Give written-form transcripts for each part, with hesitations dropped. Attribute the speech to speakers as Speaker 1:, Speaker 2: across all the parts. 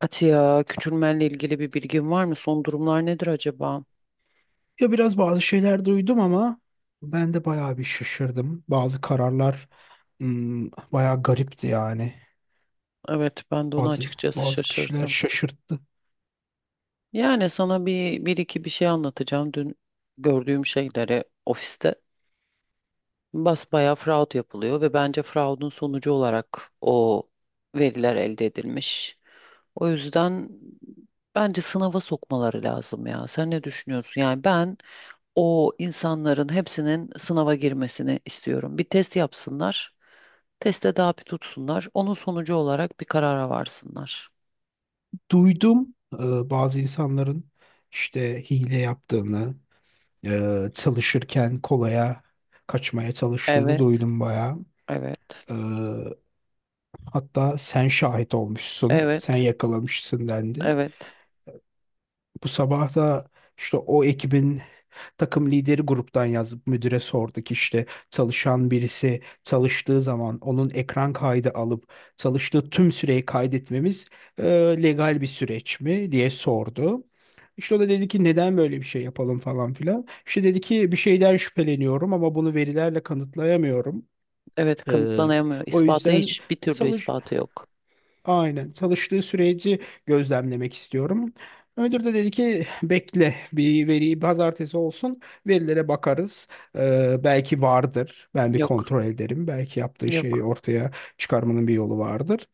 Speaker 1: Atiye, küçülmenle ilgili bir bilgin var mı? Son durumlar nedir acaba?
Speaker 2: Ya biraz bazı şeyler duydum ama ben de bayağı bir şaşırdım. Bazı kararlar bayağı garipti yani.
Speaker 1: Evet, ben de ona
Speaker 2: Bazı
Speaker 1: açıkçası
Speaker 2: bazı kişiler
Speaker 1: şaşırdım.
Speaker 2: şaşırttı.
Speaker 1: Yani sana bir, bir iki bir şey anlatacağım. Dün gördüğüm şeyleri ofiste basbayağı fraud yapılıyor ve bence fraudun sonucu olarak o veriler elde edilmiş. O yüzden bence sınava sokmaları lazım ya. Sen ne düşünüyorsun? Yani ben o insanların hepsinin sınava girmesini istiyorum. Bir test yapsınlar. Teste daha bir tutsunlar. Onun sonucu olarak bir karara varsınlar.
Speaker 2: Duydum bazı insanların işte hile yaptığını, çalışırken kolaya kaçmaya çalıştığını
Speaker 1: Evet,
Speaker 2: duydum bayağı.
Speaker 1: evet,
Speaker 2: E, Hatta sen şahit olmuşsun, sen
Speaker 1: evet,
Speaker 2: yakalamışsın dendi.
Speaker 1: evet,
Speaker 2: Bu sabah da işte o ekibin takım lideri gruptan yazıp müdüre sorduk, işte çalışan birisi çalıştığı zaman onun ekran kaydı alıp çalıştığı tüm süreyi kaydetmemiz e, legal bir süreç mi diye sordu. İşte o da dedi ki neden böyle bir şey yapalım falan filan. İşte dedi ki bir şeyden şüpheleniyorum ama bunu verilerle kanıtlayamıyorum.
Speaker 1: evet
Speaker 2: Ee,
Speaker 1: kanıtlanamıyor.
Speaker 2: O
Speaker 1: İspatı
Speaker 2: yüzden
Speaker 1: hiç bir türlü
Speaker 2: çalış
Speaker 1: ispatı yok.
Speaker 2: Aynen. Çalıştığı süreci gözlemlemek istiyorum. Müdür de dedi ki bekle, bir veriyi pazartesi olsun, verilere bakarız. Belki vardır. Ben bir
Speaker 1: Yok,
Speaker 2: kontrol ederim. Belki yaptığı şeyi
Speaker 1: yok.
Speaker 2: ortaya çıkarmanın bir yolu vardır.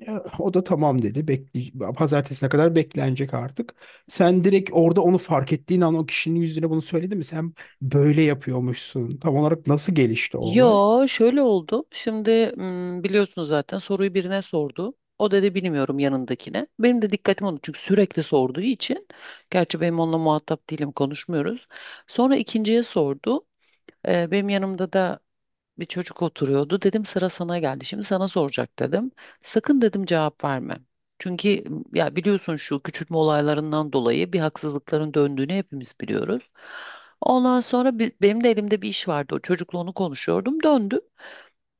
Speaker 2: Ya, o da tamam dedi. Bekle, pazartesine kadar beklenecek artık. Sen direkt orada onu fark ettiğin an o kişinin yüzüne bunu söyledi mi? Sen böyle yapıyormuşsun. Tam olarak nasıl gelişti o olay?
Speaker 1: Yo şöyle oldu. Şimdi biliyorsunuz zaten soruyu birine sordu. O dedi bilmiyorum yanındakine. Benim de dikkatim oldu çünkü sürekli sorduğu için. Gerçi benim onunla muhatap değilim konuşmuyoruz. Sonra ikinciye sordu. Benim yanımda da bir çocuk oturuyordu. Dedim sıra sana geldi. Şimdi sana soracak dedim. Sakın dedim cevap verme. Çünkü ya biliyorsun şu küçültme olaylarından dolayı bir haksızlıkların döndüğünü hepimiz biliyoruz. Ondan sonra benim de elimde bir iş vardı. O çocukla onu konuşuyordum. Döndü.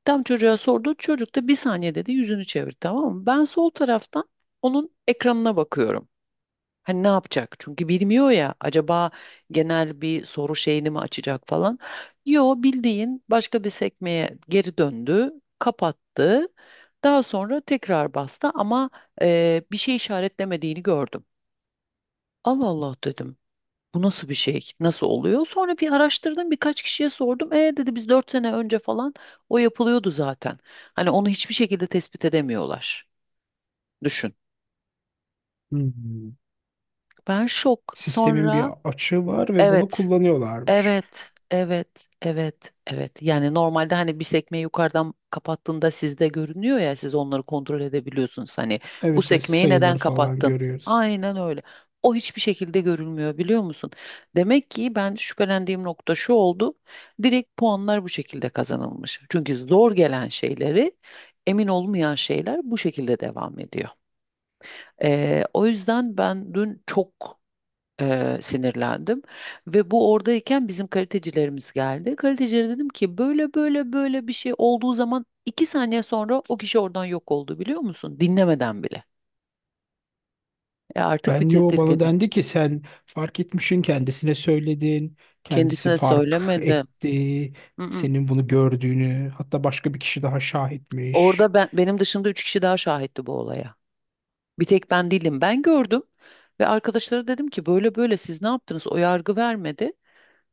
Speaker 1: Tam çocuğa sordu. Çocuk da bir saniye dedi yüzünü çevir tamam mı? Ben sol taraftan onun ekranına bakıyorum. Hani ne yapacak? Çünkü bilmiyor ya. Acaba genel bir soru şeyini mi açacak falan. Yo bildiğin başka bir sekmeye geri döndü, kapattı. Daha sonra tekrar bastı ama bir şey işaretlemediğini gördüm. Allah Allah dedim. Bu nasıl bir şey? Nasıl oluyor? Sonra bir araştırdım, birkaç kişiye sordum. E dedi biz 4 sene önce falan o yapılıyordu zaten. Hani onu hiçbir şekilde tespit edemiyorlar. Düşün.
Speaker 2: Hmm.
Speaker 1: Ben şok.
Speaker 2: Sistemin bir
Speaker 1: Sonra
Speaker 2: açığı var ve bunu
Speaker 1: evet.
Speaker 2: kullanıyorlarmış.
Speaker 1: Evet, evet, evet, evet. Yani normalde hani bir sekmeyi yukarıdan kapattığında sizde görünüyor ya siz onları kontrol edebiliyorsunuz. Hani bu
Speaker 2: Evet, evet,
Speaker 1: sekmeyi neden
Speaker 2: sayıları falan
Speaker 1: kapattın?
Speaker 2: görüyoruz.
Speaker 1: Aynen öyle. O hiçbir şekilde görülmüyor biliyor musun? Demek ki ben şüphelendiğim nokta şu oldu. Direkt puanlar bu şekilde kazanılmış. Çünkü zor gelen şeyleri, emin olmayan şeyler bu şekilde devam ediyor. O yüzden ben dün çok sinirlendim. Ve bu oradayken bizim kalitecilerimiz geldi. Kalitecilere dedim ki böyle böyle böyle bir şey olduğu zaman iki saniye sonra o kişi oradan yok oldu biliyor musun? Dinlemeden bile. E artık bir
Speaker 2: Ben yo, bana
Speaker 1: tedirginlik.
Speaker 2: dendi ki sen fark etmişsin, kendisine söyledin. Kendisi
Speaker 1: Kendisine
Speaker 2: fark
Speaker 1: söylemedim.
Speaker 2: etti.
Speaker 1: Mm-mm.
Speaker 2: Senin bunu gördüğünü hatta başka bir kişi daha şahitmiş.
Speaker 1: Orada ben benim dışımda üç kişi daha şahitti bu olaya. Bir tek ben değilim. Ben gördüm ve arkadaşlara dedim ki böyle böyle siz ne yaptınız? O yargı vermedi.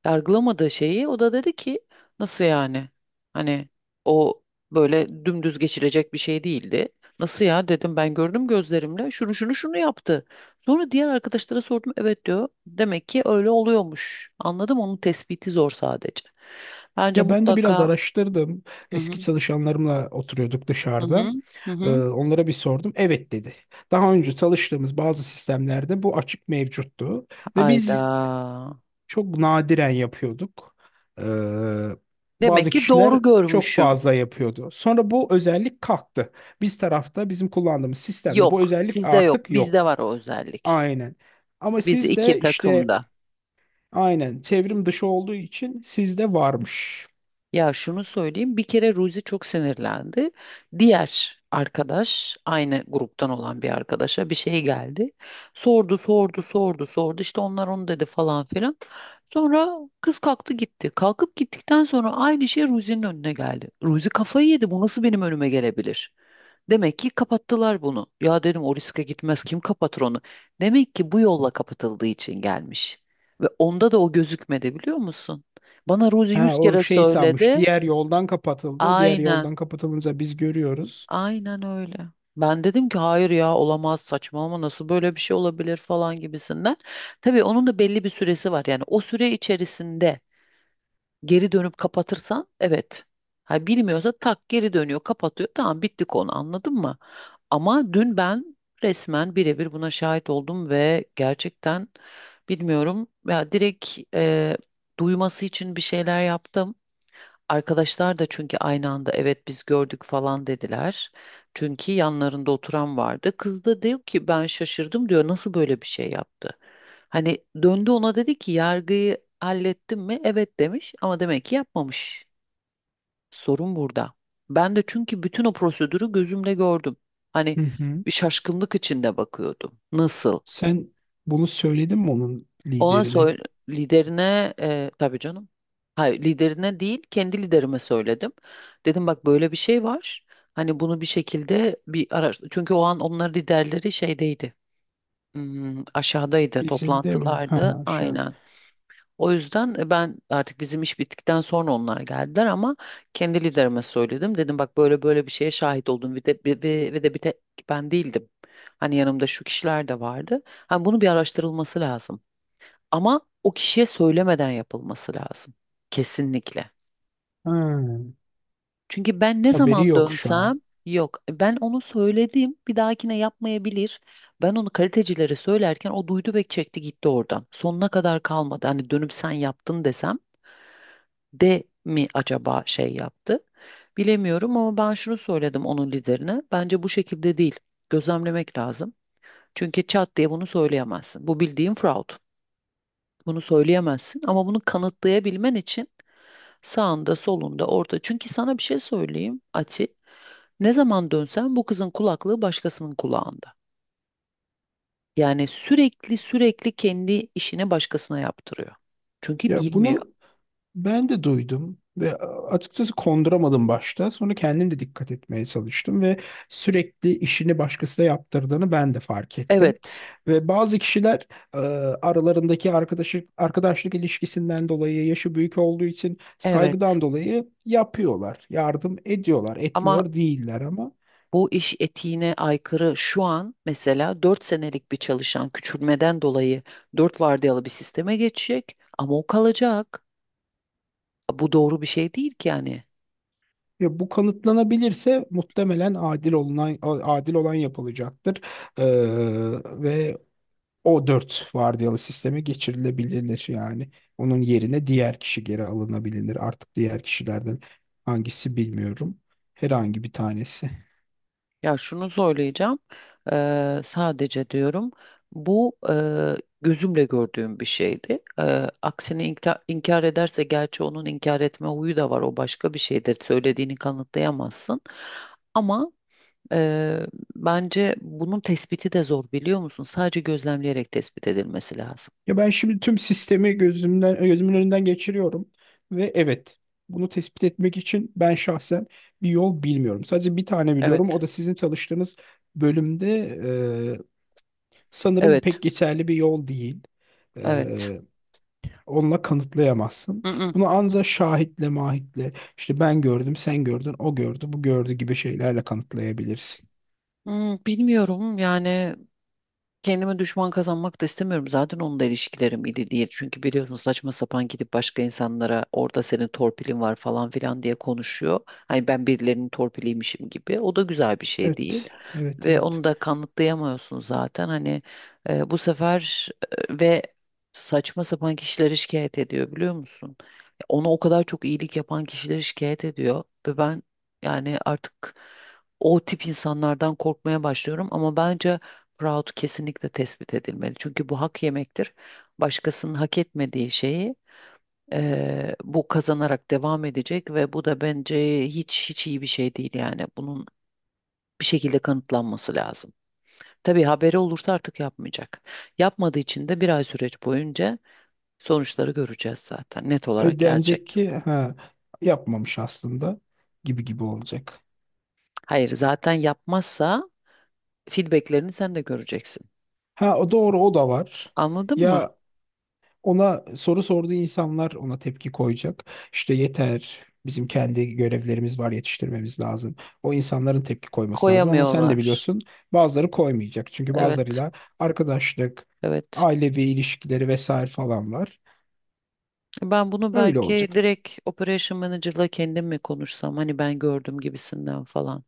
Speaker 1: Yargılamadığı şeyi o da dedi ki nasıl yani? Hani o böyle dümdüz geçilecek bir şey değildi. Nasıl ya dedim ben gördüm gözlerimle şunu şunu şunu yaptı. Sonra diğer arkadaşlara sordum evet diyor. Demek ki öyle oluyormuş. Anladım onun tespiti zor sadece. Bence
Speaker 2: Ya ben de biraz
Speaker 1: mutlaka
Speaker 2: araştırdım.
Speaker 1: hı hı
Speaker 2: Eski çalışanlarımla oturuyorduk
Speaker 1: hı hı
Speaker 2: dışarıda.
Speaker 1: hı hı.
Speaker 2: Onlara bir sordum. Evet dedi. Daha önce çalıştığımız bazı sistemlerde bu açık mevcuttu. Ve
Speaker 1: Hayda.
Speaker 2: biz çok nadiren yapıyorduk. Ee,
Speaker 1: Demek
Speaker 2: Bazı
Speaker 1: ki
Speaker 2: kişiler
Speaker 1: doğru
Speaker 2: çok
Speaker 1: görmüşüm.
Speaker 2: fazla yapıyordu. Sonra bu özellik kalktı. Biz tarafta bizim kullandığımız sistemde bu
Speaker 1: Yok,
Speaker 2: özellik
Speaker 1: sizde yok.
Speaker 2: artık
Speaker 1: Bizde
Speaker 2: yok.
Speaker 1: var o özellik.
Speaker 2: Aynen. Ama
Speaker 1: Biz iki
Speaker 2: sizde işte
Speaker 1: takımda.
Speaker 2: aynen çevrim dışı olduğu için sizde varmış.
Speaker 1: Ya şunu söyleyeyim bir kere Ruzi çok sinirlendi. Diğer arkadaş aynı gruptan olan bir arkadaşa bir şey geldi. Sordu sordu sordu sordu işte onlar onu dedi falan filan. Sonra kız kalktı gitti. Kalkıp gittikten sonra aynı şey Ruzi'nin önüne geldi. Ruzi kafayı yedi bu nasıl benim önüme gelebilir? Demek ki kapattılar bunu. Ya dedim o riske gitmez kim kapatır onu? Demek ki bu yolla kapatıldığı için gelmiş. Ve onda da o gözükmedi biliyor musun? Bana Ruzi
Speaker 2: Ha,
Speaker 1: yüz
Speaker 2: o
Speaker 1: kere
Speaker 2: şey sanmış.
Speaker 1: söyledi.
Speaker 2: Diğer yoldan kapatıldı. O diğer
Speaker 1: Aynen,
Speaker 2: yoldan kapatılınca biz görüyoruz.
Speaker 1: aynen öyle. Ben dedim ki hayır ya olamaz saçmalama nasıl böyle bir şey olabilir falan gibisinden. Tabii onun da belli bir süresi var. Yani o süre içerisinde geri dönüp kapatırsan evet. Ha bilmiyorsa tak geri dönüyor, kapatıyor. Tamam bitti konu anladın mı? Ama dün ben resmen birebir buna şahit oldum ve gerçekten bilmiyorum ya direkt duyması için bir şeyler yaptım. Arkadaşlar da çünkü aynı anda evet biz gördük falan dediler. Çünkü yanlarında oturan vardı. Kız da diyor ki ben şaşırdım diyor nasıl böyle bir şey yaptı? Hani döndü ona dedi ki yargıyı hallettim mi? Evet demiş ama demek ki yapmamış. Sorun burada. Ben de çünkü bütün o prosedürü gözümle gördüm. Hani
Speaker 2: Hı hı.
Speaker 1: bir şaşkınlık içinde bakıyordum. Nasıl?
Speaker 2: Sen bunu söyledin mi onun
Speaker 1: Ona
Speaker 2: liderine?
Speaker 1: söyle liderine tabii canım. Hayır liderine değil kendi liderime söyledim. Dedim bak böyle bir şey var. Hani bunu bir şekilde bir araştır. Çünkü o an onların liderleri şeydeydi. Aşağıdaydı
Speaker 2: İzinde mi?
Speaker 1: toplantılarda
Speaker 2: Ha, şu an.
Speaker 1: aynen. O yüzden ben artık bizim iş bittikten sonra onlar geldiler ama kendi liderime söyledim. Dedim bak böyle böyle bir şeye şahit oldum ve de bir tek ben değildim. Hani yanımda şu kişiler de vardı. Hani bunu bir araştırılması lazım. Ama o kişiye söylemeden yapılması lazım. Kesinlikle.
Speaker 2: Ha,
Speaker 1: Çünkü ben ne
Speaker 2: haberi
Speaker 1: zaman
Speaker 2: yok şu an.
Speaker 1: dönsem yok ben onu söyledim bir dahakine yapmayabilir. Ben onu kalitecilere söylerken o duydu ve çekti gitti oradan. Sonuna kadar kalmadı. Hani dönüp sen yaptın desem de mi acaba şey yaptı? Bilemiyorum ama ben şunu söyledim onun liderine. Bence bu şekilde değil. Gözlemlemek lazım. Çünkü çat diye bunu söyleyemezsin. Bu bildiğin fraud. Bunu söyleyemezsin ama bunu kanıtlayabilmen için sağında, solunda, orta. Çünkü sana bir şey söyleyeyim Ati. Ne zaman dönsen bu kızın kulaklığı başkasının kulağında. Yani sürekli sürekli kendi işini başkasına yaptırıyor. Çünkü
Speaker 2: Ya
Speaker 1: bilmiyor.
Speaker 2: bunu ben de duydum ve açıkçası konduramadım başta. Sonra kendim de dikkat etmeye çalıştım ve sürekli işini başkasına yaptırdığını ben de fark ettim.
Speaker 1: Evet,
Speaker 2: Ve bazı kişiler e, aralarındaki arkadaşlık ilişkisinden dolayı, yaşı büyük olduğu için
Speaker 1: evet.
Speaker 2: saygıdan dolayı yapıyorlar, yardım ediyorlar,
Speaker 1: Ama
Speaker 2: etmiyor değiller ama
Speaker 1: bu iş etiğine aykırı şu an mesela 4 senelik bir çalışan küçülmeden dolayı 4 vardiyalı bir sisteme geçecek ama o kalacak. Bu doğru bir şey değil ki yani.
Speaker 2: ya, bu kanıtlanabilirse muhtemelen adil olunan adil olan yapılacaktır. Ee, Ve o dört vardiyalı sisteme geçirilebilir yani. Onun yerine diğer kişi geri alınabilir. Artık diğer kişilerden hangisi bilmiyorum. Herhangi bir tanesi.
Speaker 1: Ya şunu söyleyeceğim. Sadece diyorum bu gözümle gördüğüm bir şeydi. Aksini inkar ederse gerçi onun inkar etme huyu da var. O başka bir şeydir. Söylediğini kanıtlayamazsın. Ama eee, bence bunun tespiti de zor biliyor musun? Sadece gözlemleyerek tespit edilmesi lazım.
Speaker 2: Ya ben şimdi tüm sistemi gözümün önünden geçiriyorum ve evet, bunu tespit etmek için ben şahsen bir yol bilmiyorum. Sadece bir tane
Speaker 1: Evet,
Speaker 2: biliyorum. O da sizin çalıştığınız bölümde e, sanırım
Speaker 1: evet,
Speaker 2: pek geçerli bir yol değil. E,
Speaker 1: evet.
Speaker 2: Onunla kanıtlayamazsın.
Speaker 1: Mm, mm.
Speaker 2: Bunu ancak şahitle, mahitle, işte ben gördüm, sen gördün, o gördü, bu gördü gibi şeylerle kanıtlayabilirsin.
Speaker 1: Bilmiyorum yani kendime düşman kazanmak da istemiyorum. Zaten onun da ilişkilerim iyi değil. Çünkü biliyorsun saçma sapan gidip başka insanlara orada senin torpilin var falan filan diye konuşuyor. Hani ben birilerinin torpiliymişim gibi. O da güzel bir şey değil.
Speaker 2: Evet, evet,
Speaker 1: Ve
Speaker 2: evet.
Speaker 1: onu da kanıtlayamıyorsun zaten. Hani bu sefer ve saçma sapan kişileri şikayet ediyor biliyor musun? Ona o kadar çok iyilik yapan kişileri şikayet ediyor. Ve ben yani artık o tip insanlardan korkmaya başlıyorum. Ama bence Proud kesinlikle tespit edilmeli. Çünkü bu hak yemektir. Başkasının hak etmediği şeyi bu kazanarak devam edecek ve bu da bence hiç hiç iyi bir şey değil yani. Bunun bir şekilde kanıtlanması lazım. Tabii haberi olursa artık yapmayacak. Yapmadığı için de bir ay süreç boyunca sonuçları göreceğiz zaten. Net olarak
Speaker 2: Denecek
Speaker 1: gelecek.
Speaker 2: ki ha, yapmamış aslında gibi gibi olacak.
Speaker 1: Hayır, zaten yapmazsa feedbacklerini sen de göreceksin.
Speaker 2: Ha, o doğru, o da var.
Speaker 1: Anladın mı?
Speaker 2: Ya, ona soru sorduğu insanlar ona tepki koyacak. İşte yeter, bizim kendi görevlerimiz var, yetiştirmemiz lazım. O insanların tepki koyması lazım ama sen de
Speaker 1: Koyamıyorlar.
Speaker 2: biliyorsun, bazıları koymayacak. Çünkü
Speaker 1: Evet,
Speaker 2: bazılarıyla arkadaşlık,
Speaker 1: evet.
Speaker 2: ailevi ilişkileri vesaire falan var.
Speaker 1: Ben bunu
Speaker 2: Öyle
Speaker 1: belki
Speaker 2: olacak.
Speaker 1: direkt Operation Manager'la kendim mi konuşsam hani ben gördüm gibisinden falan.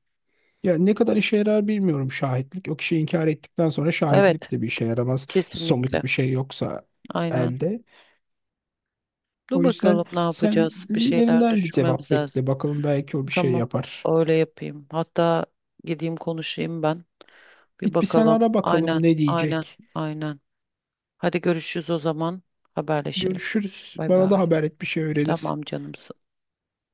Speaker 2: Ya ne kadar işe yarar bilmiyorum şahitlik. O kişi inkar ettikten sonra
Speaker 1: Evet,
Speaker 2: şahitlik de bir işe yaramaz.
Speaker 1: kesinlikle.
Speaker 2: Somut bir şey yoksa
Speaker 1: Aynen.
Speaker 2: elde.
Speaker 1: Dur
Speaker 2: O yüzden
Speaker 1: bakalım ne
Speaker 2: sen
Speaker 1: yapacağız? Bir şeyler
Speaker 2: liderinden bir
Speaker 1: düşünmemiz
Speaker 2: cevap
Speaker 1: lazım.
Speaker 2: bekle. Bakalım, belki o bir şey
Speaker 1: Tamam,
Speaker 2: yapar.
Speaker 1: öyle yapayım. Hatta gideyim konuşayım ben. Bir
Speaker 2: Git bir sen
Speaker 1: bakalım.
Speaker 2: ara
Speaker 1: Aynen,
Speaker 2: bakalım ne
Speaker 1: aynen,
Speaker 2: diyecek.
Speaker 1: aynen. Hadi görüşürüz o zaman. Haberleşelim.
Speaker 2: Görüşürüz.
Speaker 1: Bay bay.
Speaker 2: Bana da haber et bir şey öğrenirsen.
Speaker 1: Tamam canım.